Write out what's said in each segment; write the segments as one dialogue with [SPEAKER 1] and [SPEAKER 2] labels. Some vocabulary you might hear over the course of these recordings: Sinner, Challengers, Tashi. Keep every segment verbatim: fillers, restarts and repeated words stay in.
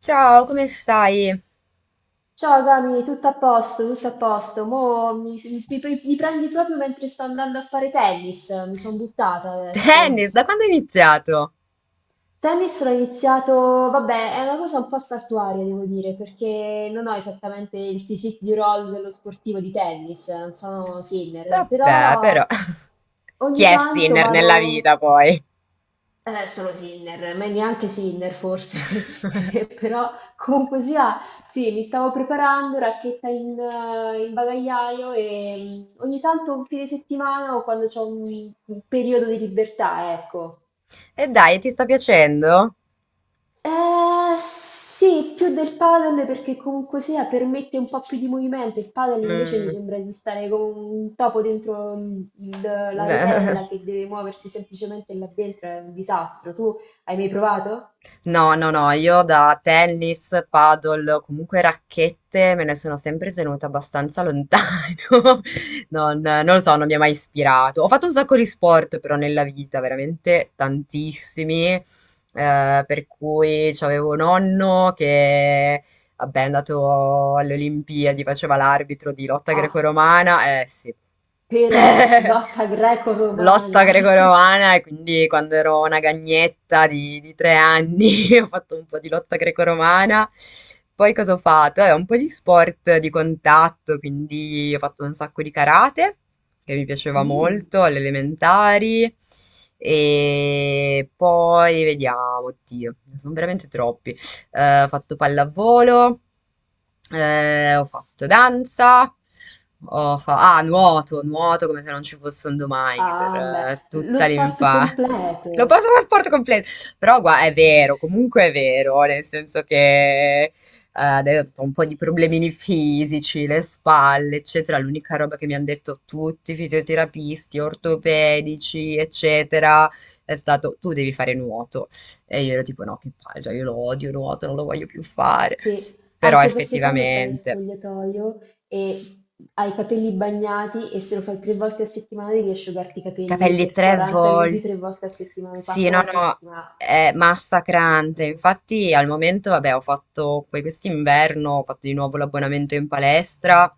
[SPEAKER 1] Ciao, come stai?
[SPEAKER 2] Ciao Gami, tutto a posto, tutto a posto. Mo mi, mi- mi prendi proprio mentre sto andando a fare tennis, mi sono buttata adesso.
[SPEAKER 1] Tennis, da quando hai iniziato?
[SPEAKER 2] Tennis l'ho iniziato, vabbè, è una cosa un po' saltuaria, devo dire, perché non ho esattamente il physique di roll dello sportivo di tennis, non sono Sinner,
[SPEAKER 1] Vabbè,
[SPEAKER 2] però
[SPEAKER 1] però, chi
[SPEAKER 2] ogni
[SPEAKER 1] è
[SPEAKER 2] tanto
[SPEAKER 1] Sinner nella
[SPEAKER 2] vado.
[SPEAKER 1] vita poi?
[SPEAKER 2] Eh, solo Sinner, ma neanche Sinner forse, però comunque sia, sì, mi stavo preparando, racchetta in, eh, in bagagliaio e mm, ogni tanto un fine settimana o quando c'ho un, un periodo di libertà, ecco.
[SPEAKER 1] E dai, ti sta piacendo?
[SPEAKER 2] Eh, sì, più del padel perché comunque sia permette un po' più di movimento, il padel invece mi
[SPEAKER 1] Mm,
[SPEAKER 2] sembra di stare come un topo dentro il- il- la rotella che deve muoversi semplicemente là dentro, è un disastro. Tu hai mai provato?
[SPEAKER 1] No, no, no, io da tennis, paddle, comunque racchette me ne sono sempre tenuta abbastanza lontano. Non, non lo so, non mi ha mai ispirato. Ho fatto un sacco di sport però nella vita, veramente tantissimi. Eh, per cui c'avevo un nonno che vabbè, è andato alle Olimpiadi, faceva l'arbitro di lotta
[SPEAKER 2] Ah.
[SPEAKER 1] greco-romana, eh sì.
[SPEAKER 2] Però lotta
[SPEAKER 1] Lotta
[SPEAKER 2] greco-romana.
[SPEAKER 1] greco-romana e quindi quando ero una gagnetta di, di tre anni ho fatto un po' di lotta greco-romana. Poi cosa ho fatto? Eh, un po' di sport di contatto, quindi ho fatto un sacco di karate, che mi piaceva
[SPEAKER 2] Mm.
[SPEAKER 1] molto, alle elementari. E poi vediamo, oddio, ne sono veramente troppi. Eh, ho fatto pallavolo, eh, ho fatto danza, ho fa- ah, nuoto, nuoto come se non ci fosse un domani per
[SPEAKER 2] Ah, beh,
[SPEAKER 1] eh,
[SPEAKER 2] lo
[SPEAKER 1] tutta
[SPEAKER 2] sport
[SPEAKER 1] l'infanzia. L'ho
[SPEAKER 2] completo.
[SPEAKER 1] passato al sport completo, però gua- è vero, comunque è vero, nel senso che eh, adesso ho un po' di problemini fisici, le spalle, eccetera. L'unica roba che mi hanno detto tutti i fisioterapisti, ortopedici, eccetera, è stato tu devi fare nuoto. E io ero tipo, no, che palle, cioè, io lo odio, nuoto, non lo voglio più fare.
[SPEAKER 2] Sì,
[SPEAKER 1] Però
[SPEAKER 2] anche perché quando stai in
[SPEAKER 1] effettivamente,
[SPEAKER 2] spogliatoio e hai i capelli bagnati e se lo fai tre volte a settimana devi asciugarti i capelli
[SPEAKER 1] capelli
[SPEAKER 2] per
[SPEAKER 1] tre
[SPEAKER 2] quaranta minuti
[SPEAKER 1] volte.
[SPEAKER 2] tre volte a settimana,
[SPEAKER 1] Sì,
[SPEAKER 2] quattro
[SPEAKER 1] no,
[SPEAKER 2] volte a
[SPEAKER 1] no,
[SPEAKER 2] settimana.
[SPEAKER 1] è massacrante.
[SPEAKER 2] Incubo.
[SPEAKER 1] Infatti al momento, vabbè, ho fatto poi quest'inverno, ho fatto di nuovo l'abbonamento in palestra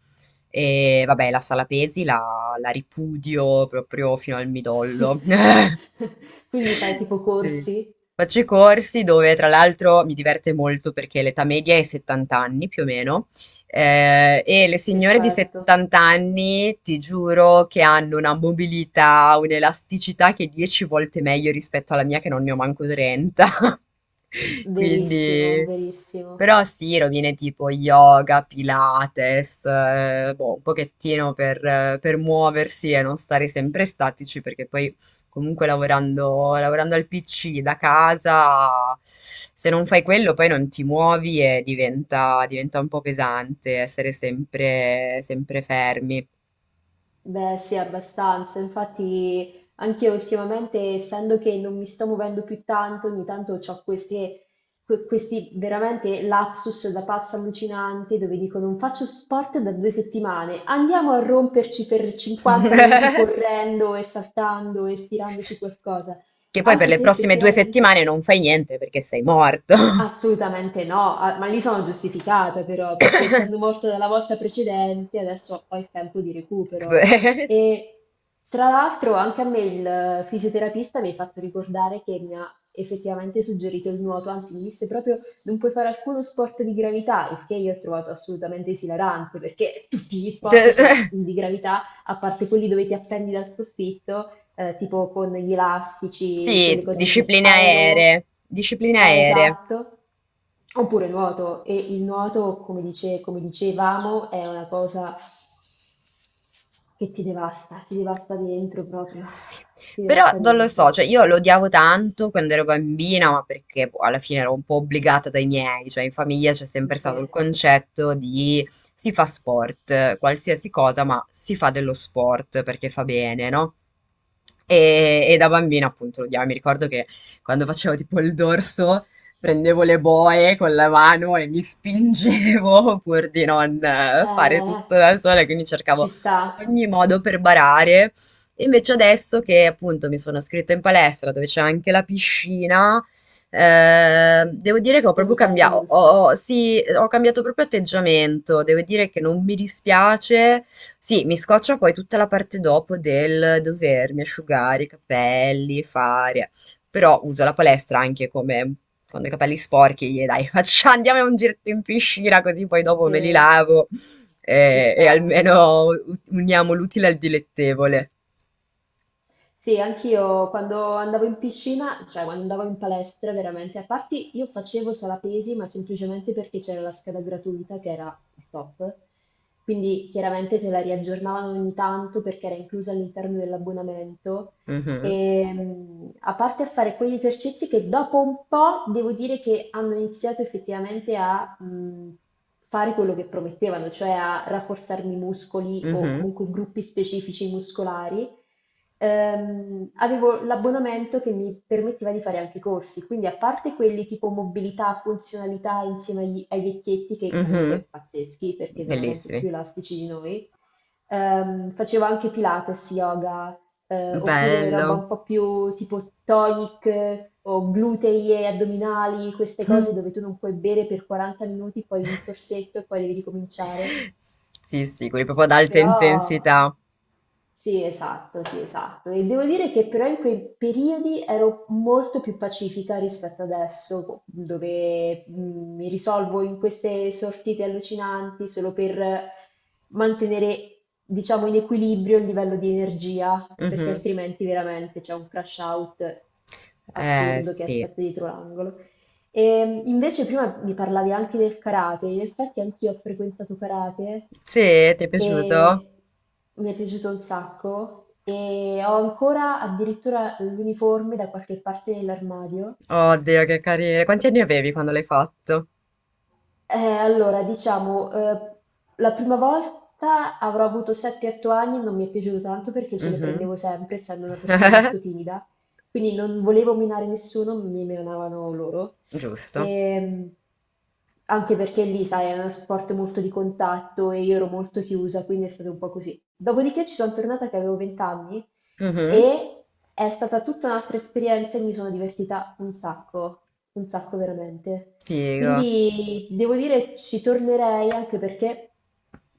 [SPEAKER 1] e vabbè, la sala pesi la, la ripudio proprio fino al midollo.
[SPEAKER 2] Quindi fai tipo
[SPEAKER 1] Sì.
[SPEAKER 2] corsi?
[SPEAKER 1] Faccio i corsi dove tra l'altro mi diverte molto perché l'età media è settanta anni più o meno. Ehm, e le signore di
[SPEAKER 2] Perfetto,
[SPEAKER 1] settanta anni, ti giuro che hanno una mobilità, un'elasticità che è dieci volte meglio rispetto alla mia, che non ne ho manco trenta.
[SPEAKER 2] verissimo,
[SPEAKER 1] Quindi,
[SPEAKER 2] verissimo.
[SPEAKER 1] però sì, rovine tipo yoga, pilates, eh, boh, un pochettino per, eh, per muoversi e non stare sempre statici, perché poi comunque lavorando, lavorando al P C da casa, se non fai quello poi non ti muovi e diventa, diventa un po' pesante essere sempre, sempre fermi.
[SPEAKER 2] Beh, sì, abbastanza. Infatti, anche io ultimamente, essendo che non mi sto muovendo più tanto, ogni tanto ho queste, que- questi veramente lapsus da pazza allucinante dove dico non faccio sport da due settimane, andiamo a romperci per cinquanta minuti correndo e saltando e stirandoci qualcosa.
[SPEAKER 1] Che poi per
[SPEAKER 2] Anche
[SPEAKER 1] le
[SPEAKER 2] se
[SPEAKER 1] prossime due
[SPEAKER 2] effettivamente.
[SPEAKER 1] settimane non fai niente perché sei morto.
[SPEAKER 2] Assolutamente no, ah, ma lì sono giustificata però, perché essendo morta dalla volta precedente, adesso ho il tempo di recupero.
[SPEAKER 1] Cioè,
[SPEAKER 2] E tra l'altro anche a me il fisioterapista mi ha fatto ricordare che mi ha effettivamente suggerito il nuoto, anzi mi disse proprio non puoi fare alcuno sport di gravità, il che io ho trovato assolutamente esilarante, perché tutti gli sport sono di gravità, a parte quelli dove ti appendi dal soffitto eh, tipo con gli elastici,
[SPEAKER 1] Sì,
[SPEAKER 2] quelle cose di
[SPEAKER 1] discipline
[SPEAKER 2] aero,
[SPEAKER 1] aeree, discipline
[SPEAKER 2] eh,
[SPEAKER 1] aeree.
[SPEAKER 2] esatto, oppure nuoto. E il nuoto, come dice- come dicevamo, è una cosa che ti devasta, ti devasta dentro proprio,
[SPEAKER 1] Sì,
[SPEAKER 2] ti
[SPEAKER 1] però
[SPEAKER 2] devasta
[SPEAKER 1] non lo so,
[SPEAKER 2] dentro.
[SPEAKER 1] cioè io lo odiavo tanto quando ero bambina, ma perché boh, alla fine ero un po' obbligata dai miei, cioè in famiglia c'è sempre stato
[SPEAKER 2] Sì.
[SPEAKER 1] il concetto di si fa sport, qualsiasi cosa, ma si fa dello sport perché fa bene, no? E, e da bambina appunto lo odiavo, mi ricordo che quando facevo tipo il dorso prendevo le boe con la mano e mi spingevo pur di non eh, fare
[SPEAKER 2] Eh,
[SPEAKER 1] tutto da sola, quindi
[SPEAKER 2] ci
[SPEAKER 1] cercavo
[SPEAKER 2] sta,
[SPEAKER 1] ogni modo per barare e invece adesso che appunto mi sono iscritta in palestra dove c'è anche la piscina, eh, devo dire che ho proprio
[SPEAKER 2] ogni tanto
[SPEAKER 1] cambiato, ho,
[SPEAKER 2] gusta,
[SPEAKER 1] ho- sì, ho cambiato proprio atteggiamento, devo dire che non mi dispiace, sì, mi scoccia poi tutta la parte dopo del dovermi asciugare i capelli, fare, però uso la palestra anche come quando ho i capelli sporchi, gli dai, faccia, andiamo a un giretto in piscina così poi dopo me li
[SPEAKER 2] sì,
[SPEAKER 1] lavo
[SPEAKER 2] ci
[SPEAKER 1] e, e
[SPEAKER 2] sta.
[SPEAKER 1] almeno uniamo l'utile al dilettevole.
[SPEAKER 2] Sì, anch'io quando andavo in piscina, cioè quando andavo in palestra, veramente, a parte io facevo sala pesi, ma semplicemente perché c'era la scheda gratuita che era il top, quindi chiaramente te la riaggiornavano ogni tanto perché era inclusa all'interno dell'abbonamento.
[SPEAKER 1] Mhm,
[SPEAKER 2] E mh, a parte a fare quegli esercizi che dopo un po' devo dire che hanno iniziato effettivamente a mh, fare quello che promettevano, cioè a rafforzarmi i muscoli o
[SPEAKER 1] mhm,
[SPEAKER 2] comunque gruppi specifici muscolari, ehm, avevo l'abbonamento che mi permetteva di fare anche i corsi, quindi a parte quelli tipo mobilità, funzionalità insieme agli- ai vecchietti, che
[SPEAKER 1] mhm.
[SPEAKER 2] comunque pazzeschi perché veramente
[SPEAKER 1] Bellissimi.
[SPEAKER 2] più elastici di noi, ehm, facevo anche Pilates, yoga, eh, oppure roba
[SPEAKER 1] Bello.
[SPEAKER 2] un po' più tipo tonic eh, o glutei e addominali, queste cose dove tu non puoi bere per quaranta minuti, poi un sorsetto e poi devi ricominciare.
[SPEAKER 1] Sì, sì, quelli proprio ad alta
[SPEAKER 2] Però
[SPEAKER 1] intensità.
[SPEAKER 2] sì, esatto, sì, esatto. E devo dire che però in quei periodi ero molto più pacifica rispetto adesso, dove mh, mi risolvo in queste sortite allucinanti solo per mantenere, diciamo, in equilibrio il livello di energia, perché
[SPEAKER 1] Mhm.
[SPEAKER 2] altrimenti veramente c'è un crash out
[SPEAKER 1] Eh,
[SPEAKER 2] assurdo che
[SPEAKER 1] sì.
[SPEAKER 2] aspetta dietro l'angolo. E invece prima mi parlavi anche del karate, in effetti anch'io ho frequentato karate
[SPEAKER 1] Sì, ti è piaciuto?
[SPEAKER 2] e mi è piaciuto un sacco e ho ancora addirittura l'uniforme da qualche parte nell'armadio.
[SPEAKER 1] Oddio, che carino. Quanti anni avevi quando l'hai fatto?
[SPEAKER 2] Eh, allora, diciamo, eh, la prima volta avrò avuto sette otto anni, non mi è piaciuto tanto perché ce le
[SPEAKER 1] Mhm.
[SPEAKER 2] prendevo sempre, essendo una persona molto timida, quindi non volevo minare nessuno, mi minavano loro.
[SPEAKER 1] Giusto.
[SPEAKER 2] Ehm, anche perché lì, sai, è uno sport molto di contatto e io ero molto chiusa, quindi è stato un po' così. Dopodiché ci sono tornata che avevo venti anni
[SPEAKER 1] Mhm.
[SPEAKER 2] e è stata tutta un'altra esperienza e mi sono divertita un sacco, un sacco veramente.
[SPEAKER 1] Figo.
[SPEAKER 2] Quindi devo dire ci tornerei anche perché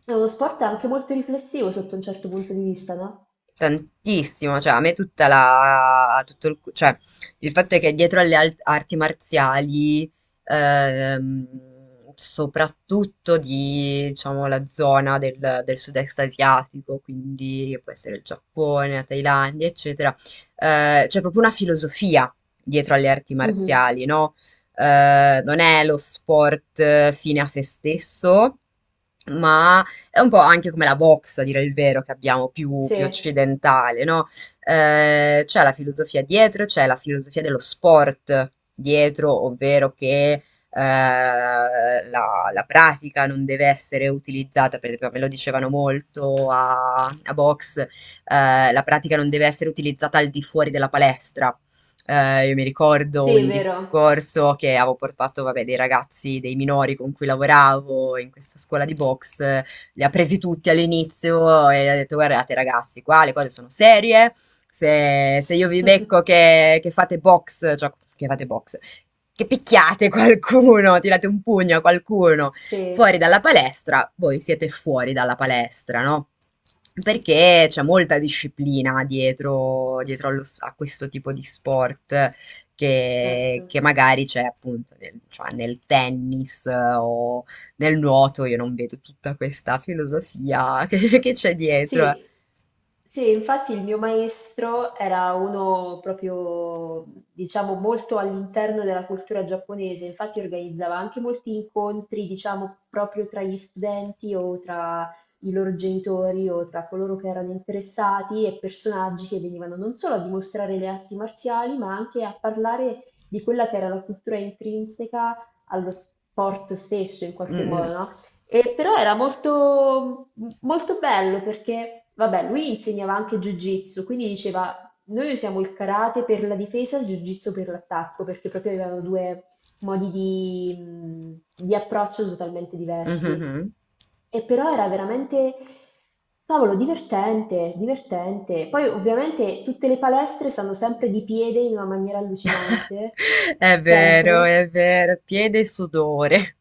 [SPEAKER 2] è uno sport anche molto riflessivo sotto un certo punto di vista, no?
[SPEAKER 1] Tantissimo, cioè a me tutta la, tutto il, cioè, il fatto è che dietro alle al- arti marziali, ehm, soprattutto di, diciamo, la zona del, del sud-est asiatico, quindi che può essere il Giappone, la Thailandia, eccetera, eh, c'è proprio una filosofia dietro alle arti
[SPEAKER 2] Mhm.
[SPEAKER 1] marziali, no? Eh, non è lo sport eh, fine a se stesso, ma è un po' anche come la box, a dire il vero, che abbiamo più, più
[SPEAKER 2] Sì,
[SPEAKER 1] occidentale, no? Eh, c'è la filosofia dietro, c'è la filosofia dello sport dietro, ovvero che eh, la, la pratica non deve essere utilizzata, per esempio, me lo dicevano molto a, a box, eh, la pratica non deve essere utilizzata al di fuori della palestra. Eh, io mi ricordo
[SPEAKER 2] sì, è
[SPEAKER 1] un
[SPEAKER 2] vero.
[SPEAKER 1] discorso che avevo portato, vabbè, dei ragazzi, dei minori con cui lavoravo in questa scuola di box, li ha presi tutti all'inizio e ha detto guardate ragazzi, qua le cose sono serie, se, se io vi becco che, che, fate box, cioè che fate box, che picchiate qualcuno, tirate un pugno a qualcuno
[SPEAKER 2] Sì,
[SPEAKER 1] fuori dalla palestra, voi siete fuori dalla palestra, no? Perché c'è molta disciplina dietro, dietro allo- a questo tipo di sport che,
[SPEAKER 2] certo.
[SPEAKER 1] che magari c'è appunto nel, cioè nel tennis eh, o, nel nuoto io non vedo tutta questa filosofia che, che c'è dietro. eh.
[SPEAKER 2] Sì, sì, infatti il mio maestro era uno proprio, diciamo, molto all'interno della cultura giapponese, infatti organizzava anche molti incontri, diciamo, proprio tra gli studenti o tra i loro genitori o tra coloro che erano interessati e personaggi che venivano non solo a dimostrare le arti marziali, ma anche a parlare di quella che era la cultura intrinseca allo sport stesso in qualche
[SPEAKER 1] Mm,
[SPEAKER 2] modo, no? E però era molto, molto bello perché, vabbè, lui insegnava anche Jiu-Jitsu, quindi diceva, noi usiamo il karate per la difesa e il Jiu-Jitsu per l'attacco, perché proprio avevano due modi di, mh, di approccio totalmente
[SPEAKER 1] mm, mhm,
[SPEAKER 2] diversi.
[SPEAKER 1] mhm.
[SPEAKER 2] E però era veramente, cavolo, divertente, divertente. Poi ovviamente tutte le palestre stanno sempre di piede in una maniera allucinante,
[SPEAKER 1] È vero,
[SPEAKER 2] sempre.
[SPEAKER 1] è vero. Piede e sudore.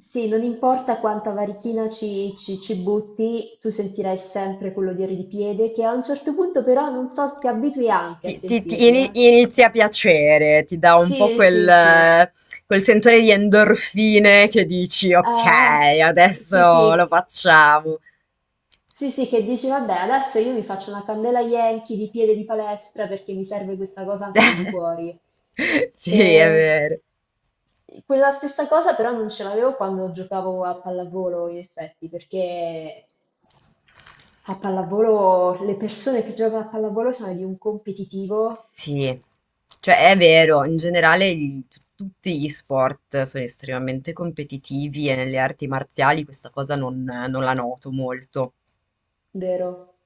[SPEAKER 2] Sì, non importa quanta varichina ci, ci- ci butti, tu sentirai sempre quell'odore di piede che a un certo punto però non so, ti abitui anche
[SPEAKER 1] Ti,
[SPEAKER 2] a
[SPEAKER 1] ti- ti
[SPEAKER 2] sentirlo,
[SPEAKER 1] ini-
[SPEAKER 2] eh.
[SPEAKER 1] inizia a piacere, ti dà un po'
[SPEAKER 2] Sì,
[SPEAKER 1] quel,
[SPEAKER 2] sì, sì.
[SPEAKER 1] eh, quel sentore di endorfine che dici, ok,
[SPEAKER 2] Ah, sì,
[SPEAKER 1] adesso
[SPEAKER 2] sì.
[SPEAKER 1] lo facciamo.
[SPEAKER 2] Sì, sì, che dici, vabbè, adesso io mi faccio una candela Yankee di piede di palestra perché mi serve questa cosa anche al di fuori.
[SPEAKER 1] Sì, è
[SPEAKER 2] E
[SPEAKER 1] vero.
[SPEAKER 2] quella stessa cosa però non ce l'avevo quando giocavo a pallavolo, in effetti, perché a pallavolo, le persone che giocano a pallavolo sono di un competitivo
[SPEAKER 1] Sì, cioè è vero, in generale il- tutti gli sport sono estremamente competitivi e nelle arti marziali questa cosa non, non la noto molto.
[SPEAKER 2] vero.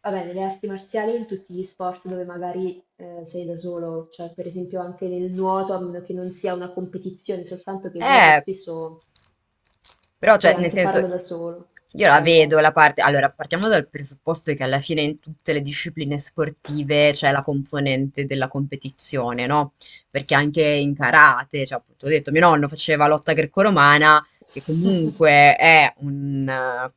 [SPEAKER 2] Vabbè, nelle arti marziali, in tutti gli sport dove magari eh, sei da solo, cioè per esempio anche nel nuoto, a meno che non sia una competizione, soltanto che il nuoto
[SPEAKER 1] Eh,
[SPEAKER 2] spesso
[SPEAKER 1] Però, cioè,
[SPEAKER 2] puoi
[SPEAKER 1] nel
[SPEAKER 2] anche
[SPEAKER 1] senso,
[SPEAKER 2] farlo da solo,
[SPEAKER 1] io
[SPEAKER 2] te
[SPEAKER 1] la
[SPEAKER 2] la
[SPEAKER 1] vedo
[SPEAKER 2] godi.
[SPEAKER 1] la parte. Allora, partiamo dal presupposto che alla fine in tutte le discipline sportive c'è la componente della competizione, no? Perché anche in karate, cioè, appunto, ho detto, mio nonno faceva lotta greco-romana, che comunque è un, eh,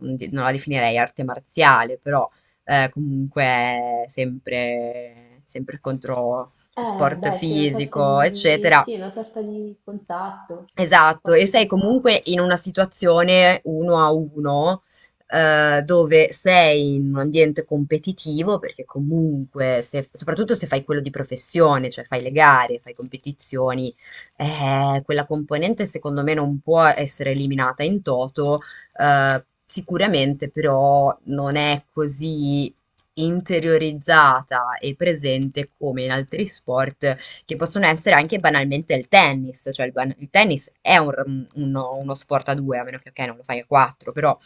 [SPEAKER 1] un di- non la definirei arte marziale, però eh, comunque è sempre, sempre contro
[SPEAKER 2] Eh,
[SPEAKER 1] sport
[SPEAKER 2] beh, sì, è una sorta
[SPEAKER 1] fisico,
[SPEAKER 2] di,
[SPEAKER 1] eccetera.
[SPEAKER 2] sì, è una sorta di contatto,
[SPEAKER 1] Esatto,
[SPEAKER 2] sport
[SPEAKER 1] e
[SPEAKER 2] di
[SPEAKER 1] sei comunque
[SPEAKER 2] contatto,
[SPEAKER 1] in una situazione uno a uno, eh, dove sei in un ambiente competitivo, perché comunque, se- soprattutto se fai quello di professione, cioè fai le gare, fai competizioni, eh, quella componente secondo me non può essere eliminata in toto, eh, sicuramente però non è così interiorizzata e presente come in altri sport che possono essere anche banalmente il tennis, cioè il, ban- il tennis è un r- uno, uno sport a due, a meno che ok, non lo fai a quattro, però,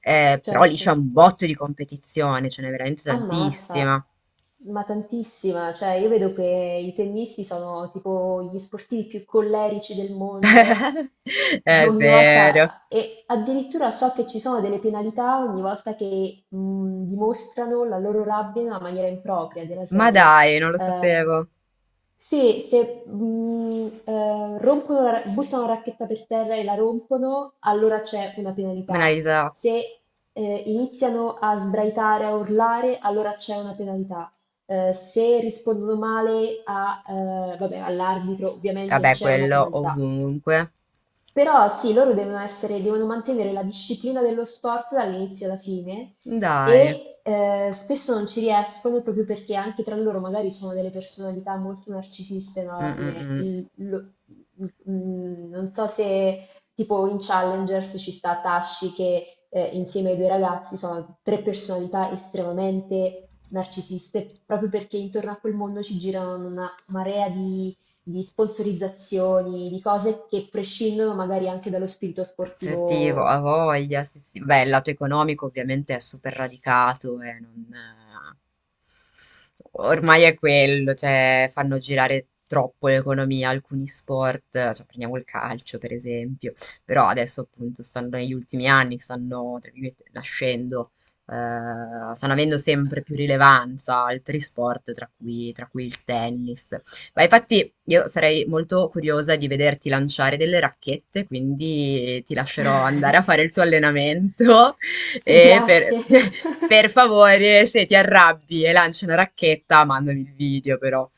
[SPEAKER 1] eh, però lì c'è
[SPEAKER 2] certo.
[SPEAKER 1] un botto di competizione, ce n'è veramente
[SPEAKER 2] Ammazza,
[SPEAKER 1] tantissima.
[SPEAKER 2] ma tantissima, cioè io vedo che i tennisti sono tipo gli sportivi più collerici del mondo,
[SPEAKER 1] È
[SPEAKER 2] ogni
[SPEAKER 1] vero.
[SPEAKER 2] volta, e addirittura so che ci sono delle penalità ogni volta che mh, dimostrano la loro rabbia in una maniera impropria della
[SPEAKER 1] Ma
[SPEAKER 2] serie.
[SPEAKER 1] dai, non lo
[SPEAKER 2] Ehm,
[SPEAKER 1] sapevo.
[SPEAKER 2] se se, mh, eh, rompono la ra- buttano la racchetta per terra e la rompono, allora c'è una penalità.
[SPEAKER 1] Monalisa,
[SPEAKER 2] Se eh, iniziano a sbraitare, a urlare, allora c'è una penalità. Eh, se rispondono male a, eh, vabbè, all'arbitro, ovviamente
[SPEAKER 1] vabbè,
[SPEAKER 2] c'è una
[SPEAKER 1] quello
[SPEAKER 2] penalità.
[SPEAKER 1] ovunque.
[SPEAKER 2] Però sì, loro devono essere, devono mantenere la disciplina dello sport dall'inizio alla fine
[SPEAKER 1] Dai.
[SPEAKER 2] e eh, spesso non ci riescono proprio perché anche tra loro magari sono delle personalità molto narcisiste, no?
[SPEAKER 1] Mm,
[SPEAKER 2] Alla
[SPEAKER 1] mm,
[SPEAKER 2] fine,
[SPEAKER 1] mm.
[SPEAKER 2] Il- lo- mm, non so se tipo in Challengers ci sta Tashi che eh, insieme ai due ragazzi sono tre personalità estremamente narcisiste, proprio perché intorno a quel mondo ci girano una marea di di sponsorizzazioni, di cose che prescindono magari anche dallo spirito
[SPEAKER 1] Protettivo,
[SPEAKER 2] sportivo.
[SPEAKER 1] a voglia, sì, sì. Beh, il lato economico ovviamente è super radicato e non, eh, ormai è quello, cioè fanno girare troppo l'economia alcuni sport, cioè prendiamo il calcio per esempio, però adesso appunto stanno negli ultimi anni, stanno tra virgolette, nascendo, eh, stanno avendo sempre più rilevanza altri sport, tra cui, tra cui il tennis, ma infatti io sarei molto curiosa di vederti lanciare delle racchette, quindi ti lascerò andare a fare il tuo allenamento e per,
[SPEAKER 2] Grazie.
[SPEAKER 1] per favore, se ti arrabbi e lanci una racchetta, mandami il video però.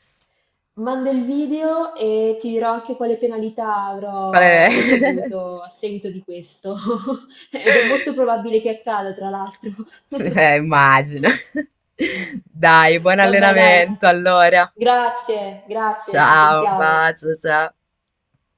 [SPEAKER 2] Manda il video e ti dirò anche quale penalità
[SPEAKER 1] Vabbè,
[SPEAKER 2] avrò ricevuto a seguito di questo. Ed è molto probabile che accada, tra l'altro.
[SPEAKER 1] eh, immagino. Dai, buon
[SPEAKER 2] Vabbè, dai.
[SPEAKER 1] allenamento allora.
[SPEAKER 2] Grazie, grazie, ci
[SPEAKER 1] Ciao, un
[SPEAKER 2] sentiamo.
[SPEAKER 1] bacio, ciao.